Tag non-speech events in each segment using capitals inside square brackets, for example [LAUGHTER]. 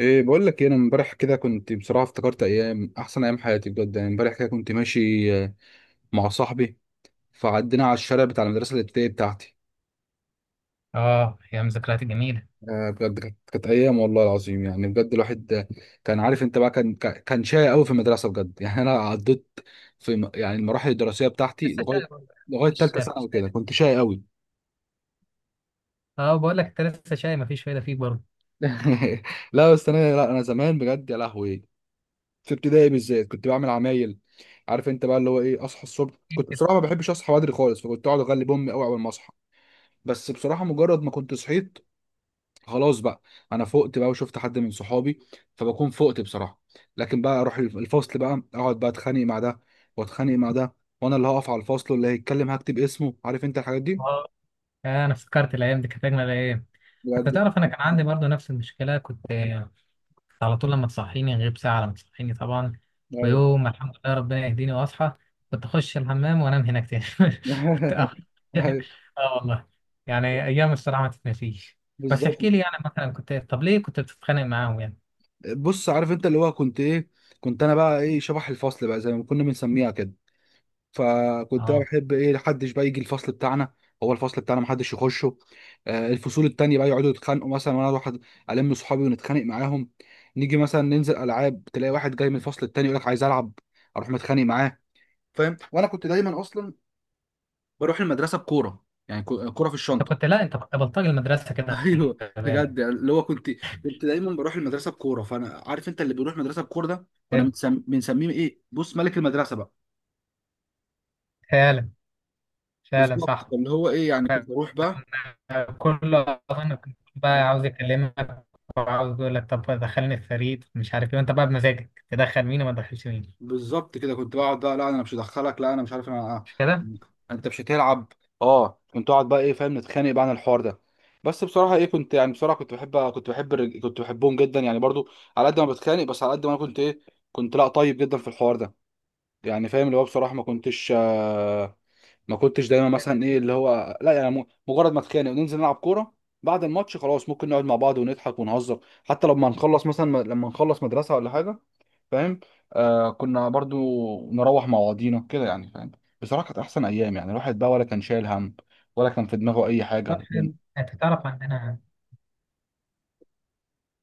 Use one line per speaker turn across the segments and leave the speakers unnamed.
ايه بقول لك إيه، انا امبارح كده كنت بصراحه افتكرت ايام احسن ايام حياتي بجد يعني. امبارح كده كنت ماشي مع صاحبي، فعدينا على الشارع بتاع المدرسه الابتدائيه بتاعتي.
اه، ايام ذكريات جميله.
بجد كانت ايام، والله العظيم يعني بجد. الواحد كان عارف انت بقى كان شقي قوي في المدرسه بجد. [LAUGHS] يعني انا عديت في يعني المراحل الدراسيه بتاعتي
لسه
لغايه
شاي برضه.
لغايه
مفيش
ثالثه ثانوي،
مفيش
كده
فايدة.
كنت شقي قوي.
اه بقول لك انت، لسه شاي مفيش فايدة فيك برضه.
[LAUGHS] لا بس انا، لا انا زمان بجد يا لهوي، في ابتدائي بالذات كنت بعمل عمايل. عارف انت بقى اللي هو ايه، اصحى الصبح
أكيد
كنت
كده.
بصراحه ما بحبش اصحى بدري خالص، فكنت اقعد اغلب امي قوي اول ما اصحى. بس بصراحه مجرد ما كنت صحيت خلاص بقى، انا فقت بقى وشفت حد من صحابي، فبكون فقت بصراحه. لكن بقى اروح الفصل بقى اقعد بقى اتخانق مع ده واتخانق مع ده، وانا اللي هقف على الفصل واللي هيتكلم هكتب اسمه، عارف انت الحاجات دي.
اه. انا افتكرت الايام دي كانت اجمل ايام. حتى
بجد.
تعرف انا كان عندي برضو نفس المشكله كنت على طول لما تصحيني، غير ساعه لما تصحيني طبعا.
ايوه.
ويوم ما الحمد لله ربنا يهديني واصحى، كنت اخش الحمام وانام هناك تاني. [LAUGHS] كنت أخ-
[LAUGHS] أيوة،
[LAUGHS] اه والله، يعني ايام الصراحه ما تتنسيش. بس
بالظبط.
احكي لي يعني، مثلا كنت طب ليه كنت بتتخانق معاهم يعني؟
بص عارف انت اللي هو كنت ايه، كنت انا بقى ايه شبح الفصل بقى زي ما كنا بنسميها كده. فكنت أنا
اه.
بحب ايه، محدش بقى يجي الفصل بتاعنا، هو الفصل بتاعنا محدش يخشه. الفصول التانية بقى يقعدوا يتخانقوا مثلا، وانا اروح الم صحابي ونتخانق معاهم. نيجي مثلا ننزل العاب، تلاقي واحد جاي من الفصل التاني يقول لك عايز العب، اروح متخانق معاه، فاهم. وانا كنت دايما اصلا بروح المدرسه بكوره، يعني كوره في
انت
الشنطه.
كنت، لا انت كنت بلطجي المدرسه
[LAUGHS]
كده، خلي
ايوه بجد
بالك.
يعني اللي هو كنت، كنت دايما بروح المدرسه بكوره، فانا عارف انت اللي بيروح المدرسه بكوره ده، كنا
حلو.
بنسميه ايه، بص، ملك المدرسه بقى.
فعلا، فعلا
بالظبط
صح.
اللي هو ايه، يعني كنت بروح بقى.
كل أظن كنت بقى عاوز يكلمك، وعاوز يقول لك طب دخلني الفريق مش عارف ايه، وانت بقى بمزاجك تدخل مين وما تدخلش مين.
بالظبط كده كنت بقعد بقى، لا انا مش هدخلك، لا انا مش عارف انا،
مش كده؟
انت مش هتلعب. اه كنت اقعد بقى ايه، فاهم، نتخانق بقى عن الحوار ده. بس بصراحه ايه، كنت يعني بصراحه، كنت بحبهم جدا يعني برضو، على قد ما بتخانق، بس على قد ما انا كنت ايه، كنت لا طيب جدا في الحوار ده. يعني فاهم اللي هو بصراحه، ما كنتش دايما مثلا ايه اللي هو لا يعني، مجرد ما اتخانق وننزل نلعب كوره، بعد الماتش خلاص ممكن نقعد مع بعض ونضحك ونهزر، حتى لما نخلص مثلا، لما نخلص مدرسه ولا حاجه، فاهم. آه، كنا برضو نروح مع بعضينا كده يعني، فاهم. بصراحة كانت أحسن أيام، يعني الواحد بقى ولا كان شايل هم، ولا كان في دماغه أي
طب
حاجة
حلو، انت تعرف عندنا،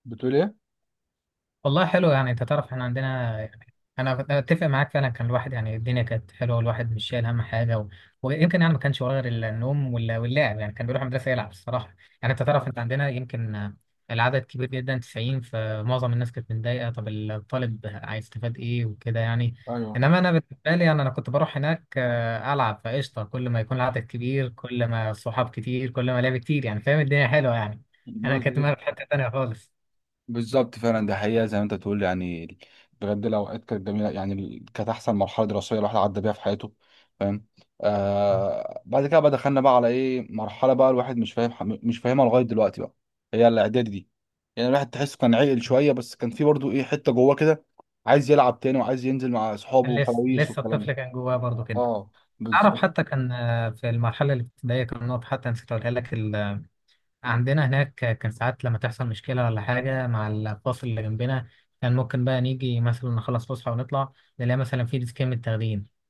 بتقول إيه؟
والله حلو، يعني انت تعرف احنا عندنا يعني. انا اتفق معاك، فعلا كان الواحد يعني الدنيا كانت حلوه، والواحد مش شايل هم حاجه و... ويمكن يعني ما كانش وراه غير النوم واللعب، يعني كان بيروح المدرسه يلعب الصراحه. يعني انت تعرف انت عندنا، يمكن العدد كبير جدا 90، فمعظم الناس كانت متضايقه، طب الطالب هيستفاد ايه وكده يعني. انما انا بالنسبه لي، يعني انا كنت بروح هناك العب فقشطه، كل ما يكون العدد كبير، كل ما الصحاب كتير، كل ما لعب كتير، يعني فاهم الدنيا حلوه يعني. انا كنت
ايوه
في حته تانيه خالص.
بالظبط، فعلا ده حقيقة زي ما انت بتقول يعني. بجد الأوقات كانت جميلة، يعني كانت أحسن مرحلة دراسية الواحد عدى بيها في حياته، فاهم. آه بعد كده بقى دخلنا بقى على إيه، مرحلة بقى الواحد مش فاهم، مش فاهمها لغاية دلوقتي بقى، هي الإعدادي دي. يعني الواحد تحسه كان عاقل شوية، بس كان في برضه إيه حتة جواه كده، عايز يلعب تاني وعايز ينزل مع أصحابه
لسه
وخلاويص
لسه
والكلام ده.
الطفل كان جواه برضه كده.
اه
تعرف
بالظبط.
حتى كان في المرحلة الابتدائية كان نقطة حتى نسيت أقولها لك. عندنا هناك كان ساعات لما تحصل مشكلة ولا حاجة مع الفصل اللي جنبنا، كان ممكن بقى نيجي مثلا نخلص فسحة ونطلع، نلاقي مثلا في ديسكين متاخدين.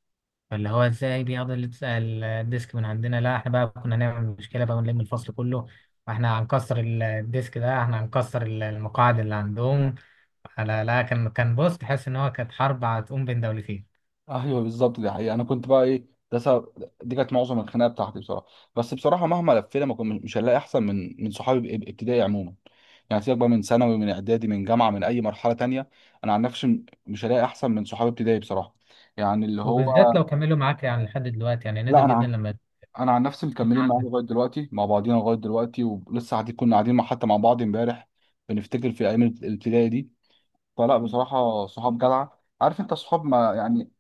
فاللي هو ازاي بياخدوا الديسك من عندنا؟ لا احنا بقى كنا نعمل مشكلة بقى ونلم الفصل كله، واحنا هنكسر الديسك ده، احنا هنكسر المقاعد اللي عندهم. لا لا، كان بص، تحس ان هو كانت حرب هتقوم بين دولتين.
ايوه بالظبط، دي حقيقة انا كنت بقى ايه، ده سبب، دي كانت معظم الخناقه بتاعتي بصراحه. بس بصراحه مهما لفينا، ما كنت مش هنلاقي احسن من صحابي ابتدائي عموما. يعني سيبك بقى من ثانوي، من اعدادي، من جامعه، من اي مرحله تانية، انا عن نفسي مش هلاقي احسن من صحابي ابتدائي بصراحه، يعني اللي هو.
وبالذات لو كملوا معاك يعني لحد دلوقتي، يعني نادر
لا انا
جدا
عن-
لما
انا عن نفسي
تكون
مكملين معايا
عندك.
لغايه دلوقتي، مع بعضينا لغايه دلوقتي، ولسه قاعدين، كنا قاعدين مع، حتى مع بعض امبارح بنفتكر في ايام الابتدائي دي. فلا بصراحة، صحاب جدعة، عارف انت صحاب، ما يعني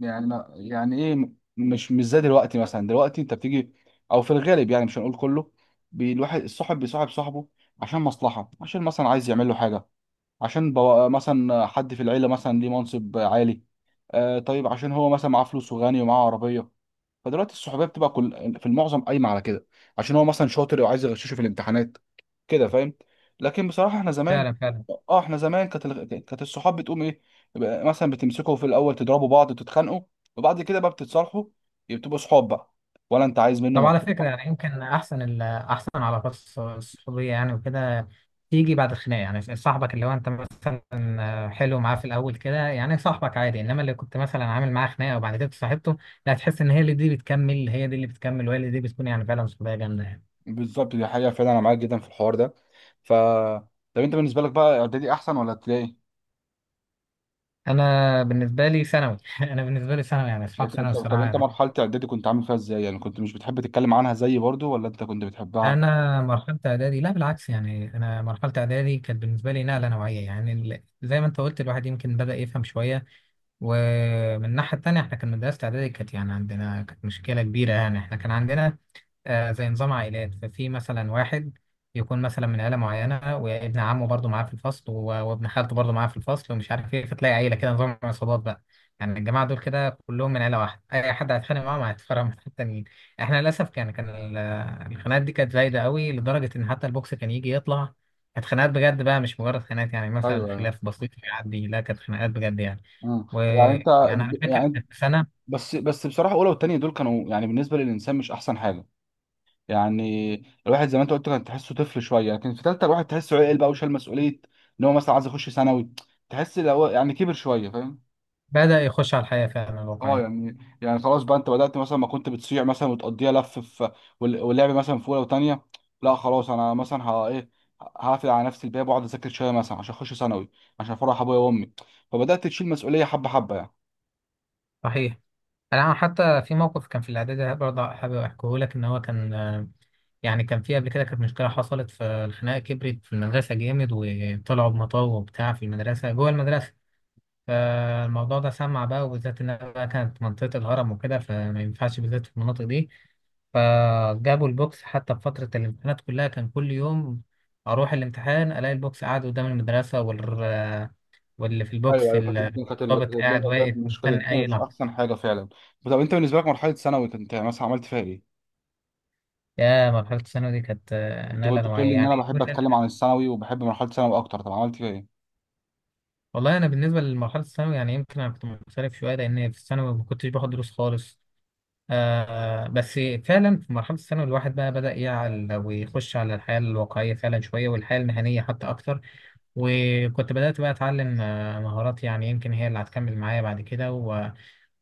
يعني ما يعني ايه، مش مش زي دلوقتي، مثلا دلوقتي انت بتيجي، او في الغالب يعني مش هنقول كله، الواحد الصاحب بيصاحب صاحبه عشان مصلحة، عشان مثلا عايز يعمل له حاجة، عشان مثلا حد في العيلة مثلا ليه منصب عالي، آه طيب عشان هو مثلا معاه فلوس وغني ومعاه عربية. فدلوقتي الصحوبيه بتبقى كل، في المعظم قايمه على كده، عشان هو مثلا شاطر او عايز يغششه في الامتحانات، كده فاهم. لكن بصراحه احنا زمان،
فعلا فعلا.
اه احنا زمان كانت كانت الصحاب بتقوم ايه، يبقى مثلا بتمسكوا في الاول تضربوا بعض تتخانقوا، وبعد كده بقى بتتصالحوا، يبقى بتبقوا صحاب بقى، ولا انت عايز منه
طب
مصلحه.
على فكرة يعني، يمكن أحسن ال أحسن علاقات الصحوبية يعني وكده، تيجي بعد الخناقة. يعني صاحبك اللي هو أنت مثلا حلو معاه في الأول كده، يعني صاحبك عادي، إنما اللي كنت مثلا عامل معاه خناقة وبعد كده صاحبته، لا تحس إن هي اللي دي بتكمل، هي دي اللي بتكمل وهي اللي دي بتكون يعني فعلا صحوبية جامدة يعني.
بالظبط دي حقيقه، فعلا انا معاك جدا في الحوار ده. ف، طب انت بالنسبه لك بقى، اعدادي احسن ولا ابتدائي؟
أنا بالنسبة لي ثانوي. [LAUGHS] أنا بالنسبة لي ثانوي، يعني أصحاب
لكن
ثانوي
طب، طب انت
الصراحة.
مرحله اعدادي كنت عامل فيها ازاي يعني، كنت مش بتحب تتكلم عنها زيي برضو ولا انت كنت بتحبها؟
انا مرحله اعدادي، لا بالعكس، يعني انا مرحله اعدادي كانت بالنسبه لي نقله نوعيه يعني. زي ما انت قلت، الواحد يمكن بدا يفهم شويه. ومن الناحيه التانيه احنا كان مدرسه اعدادي كانت يعني عندنا كانت مشكله كبيره. يعني احنا كان عندنا زي نظام عائلات. ففي مثلا واحد يكون مثلا من عيلة معينة، وابن عمه برضه معاه في الفصل وابن خالته برضه معاه في الفصل ومش عارف ايه، فتلاقي عيلة كده نظام عصابات بقى. يعني الجماعة دول كده كلهم من عيلة واحدة، أي حد هيتخانق معاهم هيتفرق من التانيين. احنا للأسف كان الخناقات دي كانت زايدة قوي لدرجة إن حتى البوكس كان يجي يطلع. كانت خناقات بجد بقى، مش مجرد خناقات، يعني مثلا
ايوه.
خلاف بسيط يعدي، لا كانت خناقات بجد يعني.
مم. يعني انت
ويعني أنا فاكر
يعني،
إن في سنة
بس بصراحه اولى والتانيه دول كانوا يعني بالنسبه للانسان مش احسن حاجه يعني. الواحد زي ما انت قلت كان تحسه طفل شويه، لكن في تالته الواحد تحسه عقل بقى وشال مسؤوليه، ان هو مثلا عايز يخش ثانوي، تحس لو هو يعني كبر شويه، فاهم.
بدأ يخش على الحياة فعلا
اه
الواقعية.
يعني يعني خلاص بقى، انت بدات مثلا ما كنت بتصيع مثلا وتقضيها لف في واللعب مثلا في اولى وتانيه، لا خلاص انا مثلا ها ايه، هقفل على نفسي الباب واقعد اذاكر شويه مثلا عشان اخش ثانوي، عشان افرح ابويا وامي. فبدات تشيل مسؤوليه حبه حبه يعني.
صحيح، انا حتى في موقف كان في الاعدادي برضه حابب احكيه لك، ان هو كان يعني كان في قبل كده كانت مشكله حصلت، فالخناقه كبرت في المدرسه جامد، وطلعوا بمطاوه وبتاع في المدرسه جوه المدرسه. فالموضوع ده سمع بقى، وبالذات انها بقى كانت منطقه الهرم وكده، فما ينفعش بالذات في المناطق دي. فجابوا البوكس حتى في فترة الامتحانات كلها. كان كل يوم أروح الامتحان ألاقي البوكس قاعد قدام المدرسة واللي في
ايوه
البوكس
ايوه كانت الدنيا، كانت كانت
الضابط
الدنيا
قاعد
فعلا،
واقف
مش كانت
مستني
الدنيا
أي
مش
لحظة.
احسن حاجه فعلا. طب انت بالنسبه لك مرحله ثانوي، انت مثلا عملت فيها ايه؟
يا مرحلة الثانوي دي كانت
انت
نقلة
كنت بتقول لي
نوعية
ان
يعني.
انا بحب اتكلم عن الثانوي وبحب مرحله ثانوي اكتر، طب عملت فيها ايه؟
والله أنا بالنسبة لمرحلة الثانوي، يعني يمكن أنا كنت مختلف شوية، لأن في الثانوي ما كنتش باخد دروس خالص. آه بس، فعلا في مرحلة الثانوي الواحد بقى بدأ يعقل ويخش على الحياة الواقعية فعلا شوية، والحياة المهنية حتى أكتر. وكنت بدأت بقى أتعلم مهارات، يعني يمكن هي اللي هتكمل معايا بعد كده.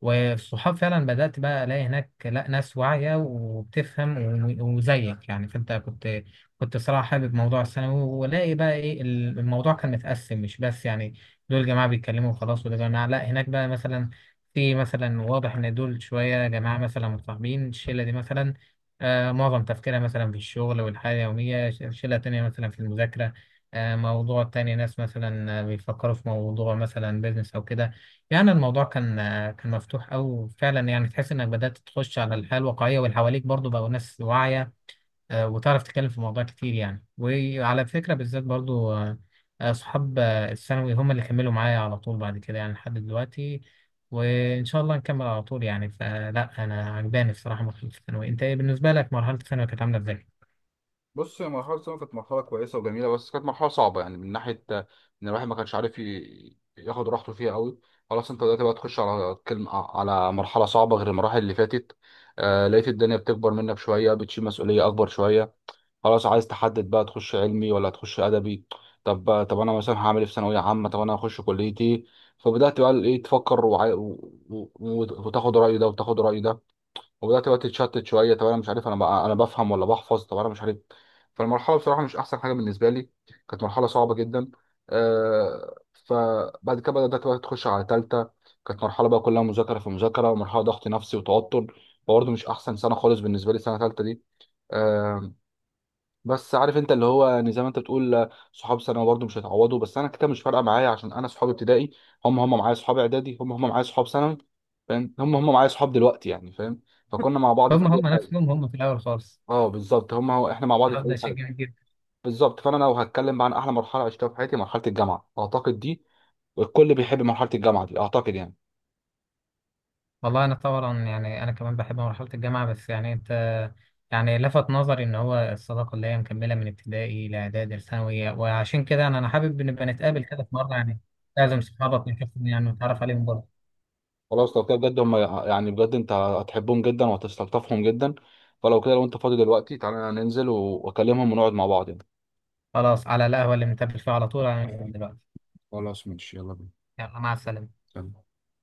والصحاب فعلا بدأت بقى ألاقي هناك، لا ناس واعية وبتفهم وزيك يعني. فأنت كنت، كنت صراحة حابب موضوع الثانوي، ولاقي بقى إيه الموضوع كان متقسم، مش بس يعني دول جماعة بيتكلموا وخلاص، ودول جماعة لا، هناك بقى مثلا في مثلا واضح إن دول شوية جماعة مثلا متصاحبين، الشلة دي مثلا معظم تفكيرها مثلا في الشغل والحياة اليومية، شلة تانية مثلا في المذاكرة، موضوع تاني، ناس مثلا بيفكروا في موضوع مثلا بيزنس أو كده. يعني الموضوع كان كان مفتوح أوي فعلا، يعني تحس إنك بدأت تخش على الحياة الواقعية، واللي حواليك برضو بقوا ناس واعية وتعرف تتكلم في مواضيع كتير يعني. وعلى فكرة بالذات برضو، صحاب الثانوي هم اللي كملوا معايا على طول بعد كده، يعني لحد دلوقتي، وإن شاء الله نكمل على طول يعني. فلا أنا عجباني الصراحة مرحلة الثانوي. أنت إيه بالنسبة لك مرحلة الثانوي كانت عاملة إزاي؟
بص، هي مرحلة ثانوي كانت مرحلة كويسة وجميلة، بس كانت مرحلة صعبة يعني من ناحية إن الواحد ما كانش عارف ياخد راحته فيها أوي. خلاص أنت دلوقتي بقى تخش على كلمة، على مرحلة صعبة غير المراحل اللي فاتت. آه لقيت الدنيا بتكبر منك شوية، بتشيل مسؤولية أكبر شوية، خلاص عايز تحدد بقى تخش علمي ولا تخش ادبي، طب طب انا مثلا هعمل ايه في ثانويه عامه، طب انا هخش كليتي. فبدات بقى ايه تفكر وتاخد راي ده وتاخد راي ده، وبدات بقى تتشتت شويه، طب انا مش عارف انا بقى، انا بفهم ولا بحفظ، طب انا مش عارف. فالمرحله بصراحه مش احسن حاجه بالنسبه لي، كانت مرحله صعبه جدا. فبعد كده بدات بقى تخش على ثالثه، كانت مرحله بقى كلها مذاكره في مذاكره، ومرحله ضغط نفسي وتوتر، برضه مش احسن سنه خالص بالنسبه لي سنه ثالثه دي. آه، بس عارف انت اللي هو يعني، زي ما انت بتقول صحاب ثانوي برضه مش هيتعوضوا، بس انا كده مش فارقه معايا، عشان انا صحابي ابتدائي هم هم معايا، صحاب اعدادي هم هم معايا، صحاب ثانوي فاهم هم هم معايا، صحاب دلوقتي يعني فاهم، فكنا مع بعض في
هم
اي حاجه.
نفسهم هم في الأول خالص.
اه بالظبط، هم هو احنا مع بعض
أنا
في
ببدأ
اي حاجه.
أشجع.
بالظبط، فانا لو هتكلم بقى عن احلى مرحله عشتها في حياتي، مرحله الجامعه اعتقد دي، الكل بيحب مرحله الجامعه دي اعتقد يعني.
والله انا طبعا، يعني انا كمان بحب مرحله الجامعه، بس يعني انت، يعني لفت نظري ان هو الصداقه اللي هي مكمله من ابتدائي لاعدادي لثانوي، وعشان كده انا حابب نبقى نتقابل كده في مره يعني. لازم صحابك نشوفهم يعني، ونتعرف عليهم برضه.
خلاص لو كده بجد هم، يعني بجد انت هتحبهم جدا وهتستلطفهم جدا. فلو كده، لو انت فاضي دلوقتي تعالى ننزل واكلمهم ونقعد مع بعض يعني.
خلاص، على القهوه اللي بنتقابل فيها على طول هننزل دلوقتي.
خلاص ماشي، يلا بينا.
يلا، مع السلامه.
يلا.